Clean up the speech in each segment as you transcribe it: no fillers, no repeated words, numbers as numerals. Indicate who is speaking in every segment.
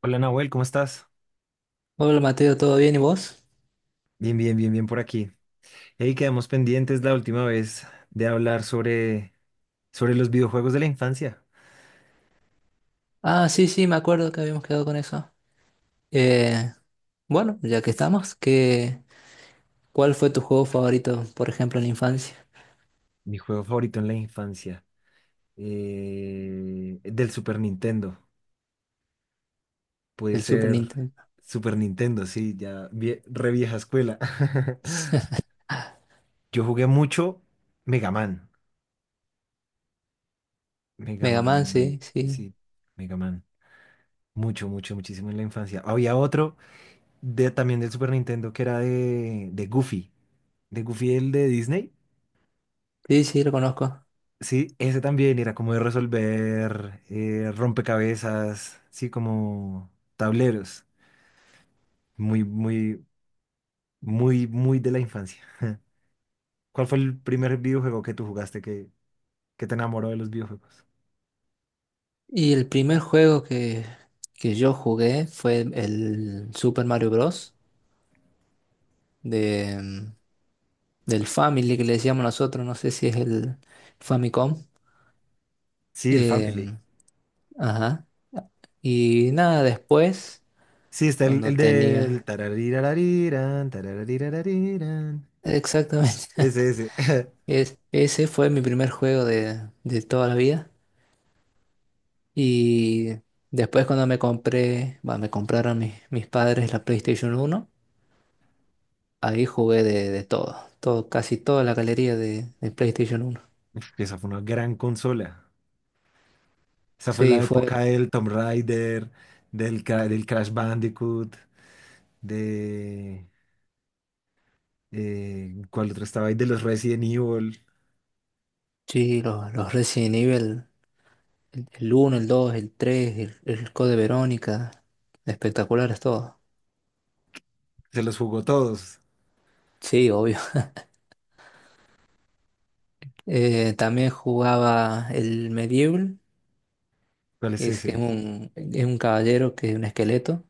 Speaker 1: Hola Nahuel, ¿cómo estás?
Speaker 2: Hola Mateo, ¿todo bien y vos?
Speaker 1: Bien, bien, bien, bien por aquí. Hey, quedamos pendientes la última vez de hablar sobre los videojuegos de la infancia.
Speaker 2: Ah, sí, sí, me acuerdo que habíamos quedado con eso. Eh, bueno, ya que estamos, ¿cuál fue tu juego favorito, por ejemplo, en la infancia?
Speaker 1: Mi juego favorito en la infancia, del Super Nintendo. Puede
Speaker 2: El Super
Speaker 1: ser
Speaker 2: Nintendo.
Speaker 1: Super Nintendo, sí, ya re vieja escuela. Yo jugué mucho Mega Man. Mega
Speaker 2: Mega Man,
Speaker 1: Man,
Speaker 2: sí, sí.
Speaker 1: sí, Mega Man. Mucho, mucho, muchísimo en la infancia. Había otro también del Super Nintendo que era de Goofy. De Goofy, el de Disney.
Speaker 2: Sí, sí, lo conozco.
Speaker 1: Sí, ese también era como de resolver rompecabezas, sí, como tableros. Muy, muy, muy, muy de la infancia. ¿Cuál fue el primer videojuego que tú jugaste que te enamoró de los videojuegos?
Speaker 2: Y el primer juego que yo jugué fue el Super Mario Bros. De, del Family que le decíamos nosotros, no sé si es el Famicom.
Speaker 1: Sí, el Family.
Speaker 2: Em, ajá. Y nada, después,
Speaker 1: Sí, está el,
Speaker 2: cuando
Speaker 1: el del
Speaker 2: tenía...
Speaker 1: tararirarirán, tararirarirán.
Speaker 2: Exactamente.
Speaker 1: Ese, ese.
Speaker 2: Ese fue mi primer juego de toda la vida. Y después cuando me compré, bueno, me compraron mis padres la PlayStation uno, ahí jugué de todo, todo, casi toda la galería de PlayStation uno.
Speaker 1: Uf, esa fue una gran consola. Esa fue
Speaker 2: Sí,
Speaker 1: la
Speaker 2: fue,
Speaker 1: época del Tomb Raider, del Crash Bandicoot, de... ¿cuál otro estaba ahí? De los Resident Evil.
Speaker 2: sí, los Resident Evil, el 1, el 2, el 3, el Code Verónica, espectaculares todos.
Speaker 1: Se los jugó todos.
Speaker 2: Sí, obvio. También jugaba el Medieval
Speaker 1: ¿Cuál es
Speaker 2: que
Speaker 1: ese?
Speaker 2: es un caballero que es un esqueleto,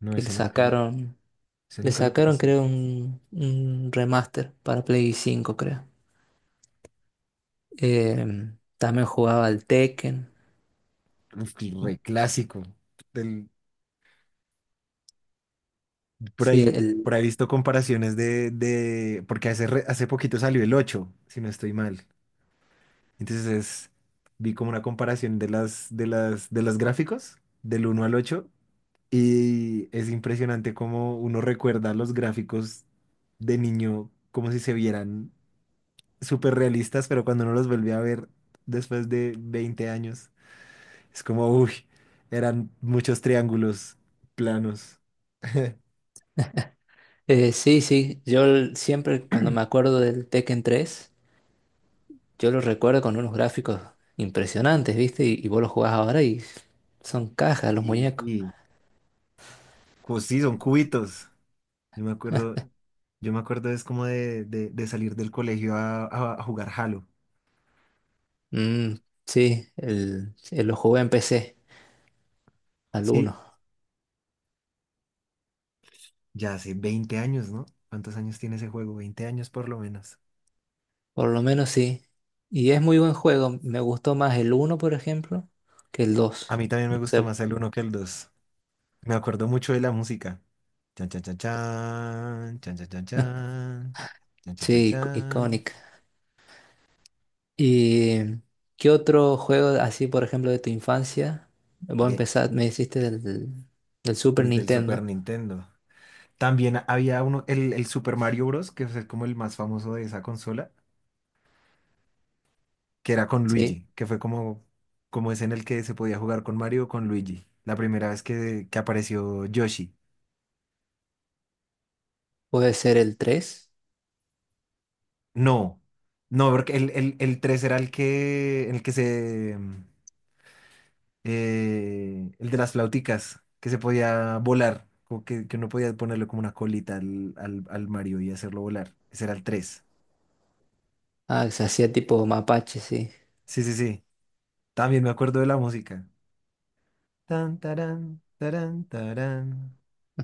Speaker 1: No,
Speaker 2: que
Speaker 1: ese
Speaker 2: le
Speaker 1: nunca lo
Speaker 2: sacaron
Speaker 1: conocí.
Speaker 2: creo un remaster para Play cinco creo. Eh, También jugaba al Tekken.
Speaker 1: Uf, re clásico. Del- por
Speaker 2: Sí,
Speaker 1: ahí, por ahí he visto comparaciones porque hace poquito salió el 8 si no estoy mal. Entonces vi como una comparación de los gráficos, del 1 al 8 y es impresionante cómo uno recuerda los gráficos de niño como si se vieran súper realistas, pero cuando uno los volvió a ver después de 20 años, es como, uy, eran muchos triángulos planos.
Speaker 2: sí, sí, yo siempre cuando me acuerdo del Tekken tres yo lo recuerdo con unos gráficos impresionantes, ¿viste? Y vos lo jugás ahora y son cajas los muñecos.
Speaker 1: Sí, pues sí, son cubitos. Yo me acuerdo, yo me acuerdo es como de salir del colegio a jugar Halo.
Speaker 2: Mm, sí, el, lo jugué en PC, al
Speaker 1: Sí,
Speaker 2: uno.
Speaker 1: ya hace 20 años, ¿no? ¿Cuántos años tiene ese juego? 20 años por lo menos.
Speaker 2: Por lo menos sí. Y es muy buen juego. Me gustó más el uno, por ejemplo, que el dos.
Speaker 1: A mí también me
Speaker 2: No
Speaker 1: gustó
Speaker 2: sé.
Speaker 1: más el 1 que el 2. Me acuerdo mucho de la música. Chan, chan, chan, chan, chan, chan, chan, chan, chan, chan,
Speaker 2: Sí,
Speaker 1: chan, chan.
Speaker 2: icónica. ¿Y qué otro juego así, por ejemplo, de tu infancia? Vos
Speaker 1: De,
Speaker 2: empezar me hiciste del, del Super
Speaker 1: Desde el Super
Speaker 2: Nintendo.
Speaker 1: Nintendo. También había uno, el Super Mario Bros., que es como el más famoso de esa consola, que era con
Speaker 2: Sí,
Speaker 1: Luigi, que fue como ese en el que se podía jugar con Mario o con Luigi. La primera vez que apareció Yoshi.
Speaker 2: puede ser el tres.
Speaker 1: No, no, porque el 3 era el de las flauticas, que se podía volar, como que uno podía ponerle como una colita al Mario y hacerlo volar. Ese era el 3.
Speaker 2: Ah, que se hacía tipo mapache, sí.
Speaker 1: Sí, sí, sí. También me acuerdo de la música. Tan, tarán, tarán, tarán,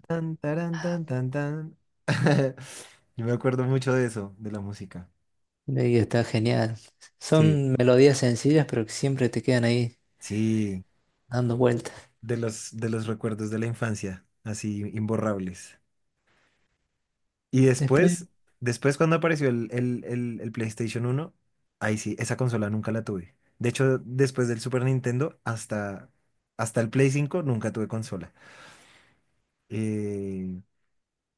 Speaker 1: tan, tarán, tan, tan, tan. Yo me acuerdo mucho de eso, de la música.
Speaker 2: Y está genial.
Speaker 1: Sí,
Speaker 2: Son melodías sencillas, pero que siempre te quedan ahí
Speaker 1: sí,
Speaker 2: dando vueltas.
Speaker 1: de los recuerdos de la infancia, así imborrables. Y
Speaker 2: Después,
Speaker 1: después cuando apareció el PlayStation 1, ahí sí, esa consola nunca la tuve. De hecho, después del Super Nintendo hasta el Play 5 nunca tuve consola. Eh,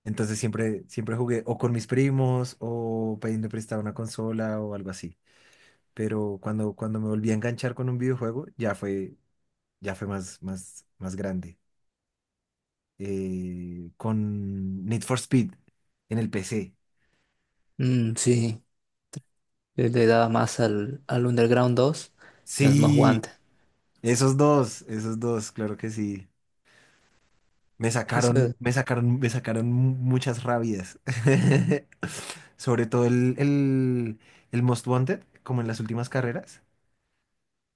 Speaker 1: entonces siempre jugué o con mis primos o pidiendo prestada una consola o algo así. Pero cuando me volví a enganchar con un videojuego, ya fue más, más, más grande. Con Need for Speed en el PC.
Speaker 2: sí. Yo le daba más al, al Underground dos y al Most
Speaker 1: Sí,
Speaker 2: Wanted.
Speaker 1: esos dos, esos dos, claro que sí. Me
Speaker 2: Eso
Speaker 1: sacaron,
Speaker 2: es
Speaker 1: me sacaron, me sacaron mu- muchas rabias. Sobre todo el Most Wanted, como en las últimas carreras,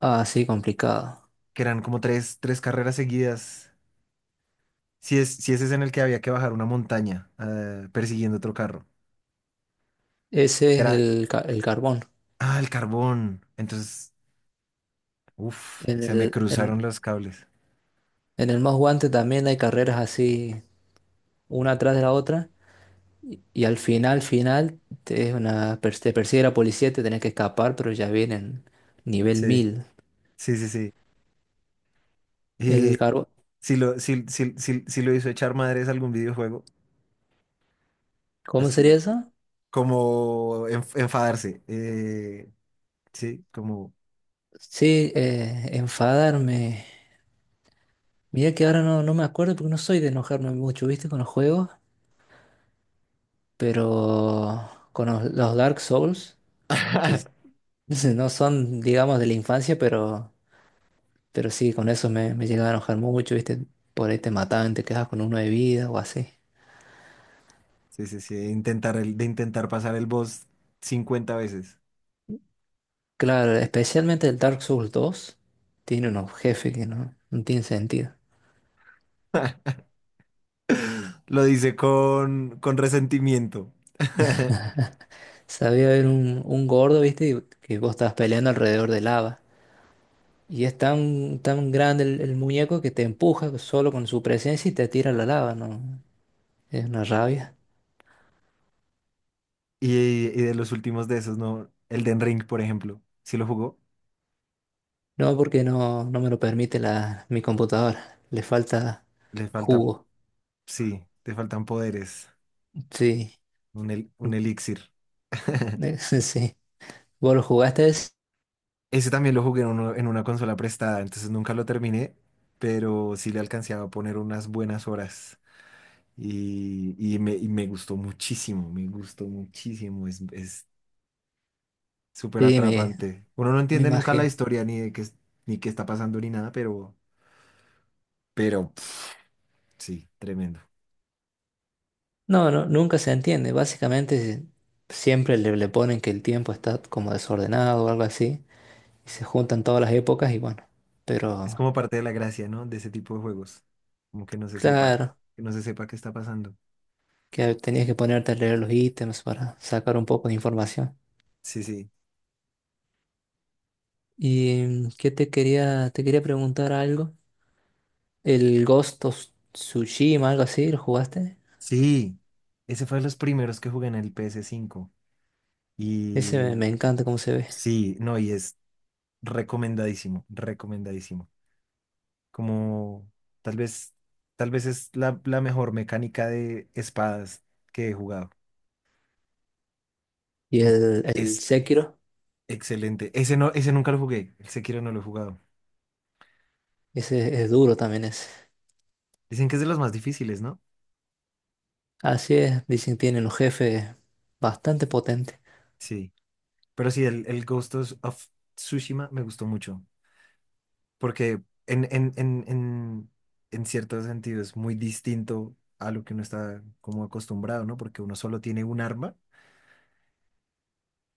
Speaker 2: así complicado.
Speaker 1: que eran como tres carreras seguidas. Si ese es en el que había que bajar una montaña, persiguiendo otro carro.
Speaker 2: Ese es
Speaker 1: Era,
Speaker 2: el, el carbón.
Speaker 1: ah, el carbón. Entonces,
Speaker 2: En
Speaker 1: se me
Speaker 2: el, en,
Speaker 1: cruzaron los cables.
Speaker 2: en el Most Wanted también hay carreras así, una atrás de la otra. Y al final, final, te, es una, te persigue la policía, te tenés que escapar, pero ya vienen nivel
Speaker 1: Sí,
Speaker 2: mil.
Speaker 1: sí, sí, sí.
Speaker 2: El
Speaker 1: Y
Speaker 2: carbón.
Speaker 1: si lo, si, si, si, si lo hizo echar madres algún videojuego.
Speaker 2: ¿Cómo sería
Speaker 1: Así
Speaker 2: eso?
Speaker 1: como enfadarse. Sí, como,
Speaker 2: Sí, enfadarme. Mira que ahora no, no me acuerdo porque no soy de enojarme mucho, ¿viste? Con los juegos. Pero con los Dark Souls, que no no son, digamos, de la infancia, pero sí, con eso me, me llegaba a enojar mucho, ¿viste? Por ahí te mataban, te quedabas con uno de vida o así.
Speaker 1: sí, sí, sí, de intentar pasar el boss 50 veces.
Speaker 2: Claro, especialmente el Dark Souls dos tiene unos jefes que no, no tienen sentido.
Speaker 1: Lo dice con resentimiento.
Speaker 2: Sabía haber un gordo, ¿viste? Y que vos estabas peleando alrededor de lava. Y es tan, tan grande el muñeco que te empuja solo con su presencia y te tira a la lava, ¿no? Es una rabia.
Speaker 1: Y, y de los últimos de esos, ¿no? El Den Ring, por ejemplo. Si lo jugó,
Speaker 2: No, porque no, no me lo permite la, mi computadora. Le falta
Speaker 1: le falta,
Speaker 2: jugo.
Speaker 1: sí, te faltan poderes.
Speaker 2: Sí,
Speaker 1: Un elixir.
Speaker 2: sí. ¿Vos lo jugaste, ese?
Speaker 1: Ese también lo jugué en una consola prestada, entonces nunca lo terminé, pero sí le alcancé a poner unas buenas horas. Y me gustó muchísimo, me gustó muchísimo, es súper
Speaker 2: Sí, me,
Speaker 1: atrapante. Uno no
Speaker 2: me
Speaker 1: entiende nunca la
Speaker 2: imagino.
Speaker 1: historia ni de qué, ni qué está pasando ni nada, pero, pero pf, sí, tremendo.
Speaker 2: No, no, nunca se entiende. Básicamente siempre le, le ponen que el tiempo está como desordenado o algo así. Y se juntan todas las épocas y bueno.
Speaker 1: Es
Speaker 2: Pero
Speaker 1: como parte de la gracia, ¿no? De ese tipo de juegos, como que no se sepa,
Speaker 2: claro,
Speaker 1: que no se sepa qué está pasando.
Speaker 2: que tenías que ponerte a leer los ítems para sacar un poco de información.
Speaker 1: Sí, sí.
Speaker 2: ¿Y qué te quería preguntar algo? El Ghost of Tsushima, algo así, ¿lo jugaste?
Speaker 1: Sí, ese fue de los primeros que jugué en el PS5
Speaker 2: Ese me,
Speaker 1: y
Speaker 2: me encanta cómo se ve.
Speaker 1: sí, no, y es recomendadísimo, recomendadísimo. Como tal vez, tal vez es la mejor mecánica de espadas que he jugado.
Speaker 2: Y
Speaker 1: Mm.
Speaker 2: el
Speaker 1: Es
Speaker 2: Sekiro,
Speaker 1: excelente. Ese no, ese nunca lo jugué. El Sekiro no lo he jugado.
Speaker 2: ese es duro también ese.
Speaker 1: Dicen que es de los más difíciles, ¿no?
Speaker 2: Así es, dicen que tienen un jefe bastante potente.
Speaker 1: Sí. Pero sí, el Ghost of Tsushima me gustó mucho. Porque en, en, en, en, en cierto sentido es muy distinto a lo que uno está como acostumbrado, ¿no? Porque uno solo tiene un arma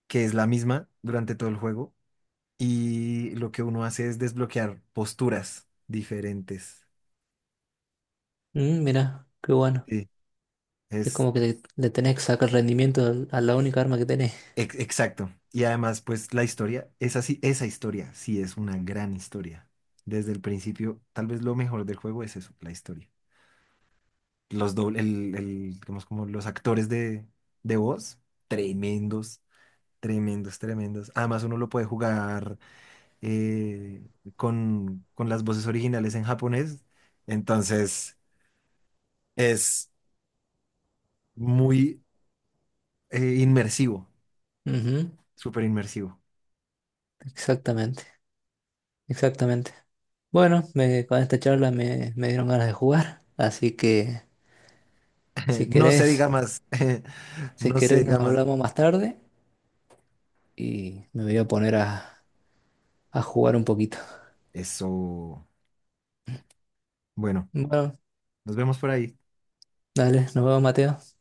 Speaker 1: que es la misma durante todo el juego y lo que uno hace es desbloquear posturas diferentes.
Speaker 2: Mm, mira, qué bueno.
Speaker 1: Sí,
Speaker 2: Es
Speaker 1: es
Speaker 2: como que le tenés que sacar rendimiento a la única arma que tenés.
Speaker 1: exacto. Y además, pues la historia es así, esa historia sí es una gran historia. Desde el principio, tal vez lo mejor del juego es eso, la historia. Los doble, el- digamos como los actores de voz, tremendos, tremendos, tremendos. Además, uno lo puede jugar eh, con las voces originales en japonés. Entonces, es muy inmersivo,
Speaker 2: Ujú,
Speaker 1: súper inmersivo.
Speaker 2: exactamente, exactamente. Bueno, con esta charla me, me dieron ganas de jugar. Así que si
Speaker 1: No se
Speaker 2: querés,
Speaker 1: diga más,
Speaker 2: si
Speaker 1: no se
Speaker 2: querés
Speaker 1: diga
Speaker 2: nos
Speaker 1: más.
Speaker 2: hablamos más tarde y me voy a poner a jugar un poquito.
Speaker 1: Eso. Bueno,
Speaker 2: Bueno,
Speaker 1: nos vemos por ahí.
Speaker 2: dale, nos vemos, Mateo.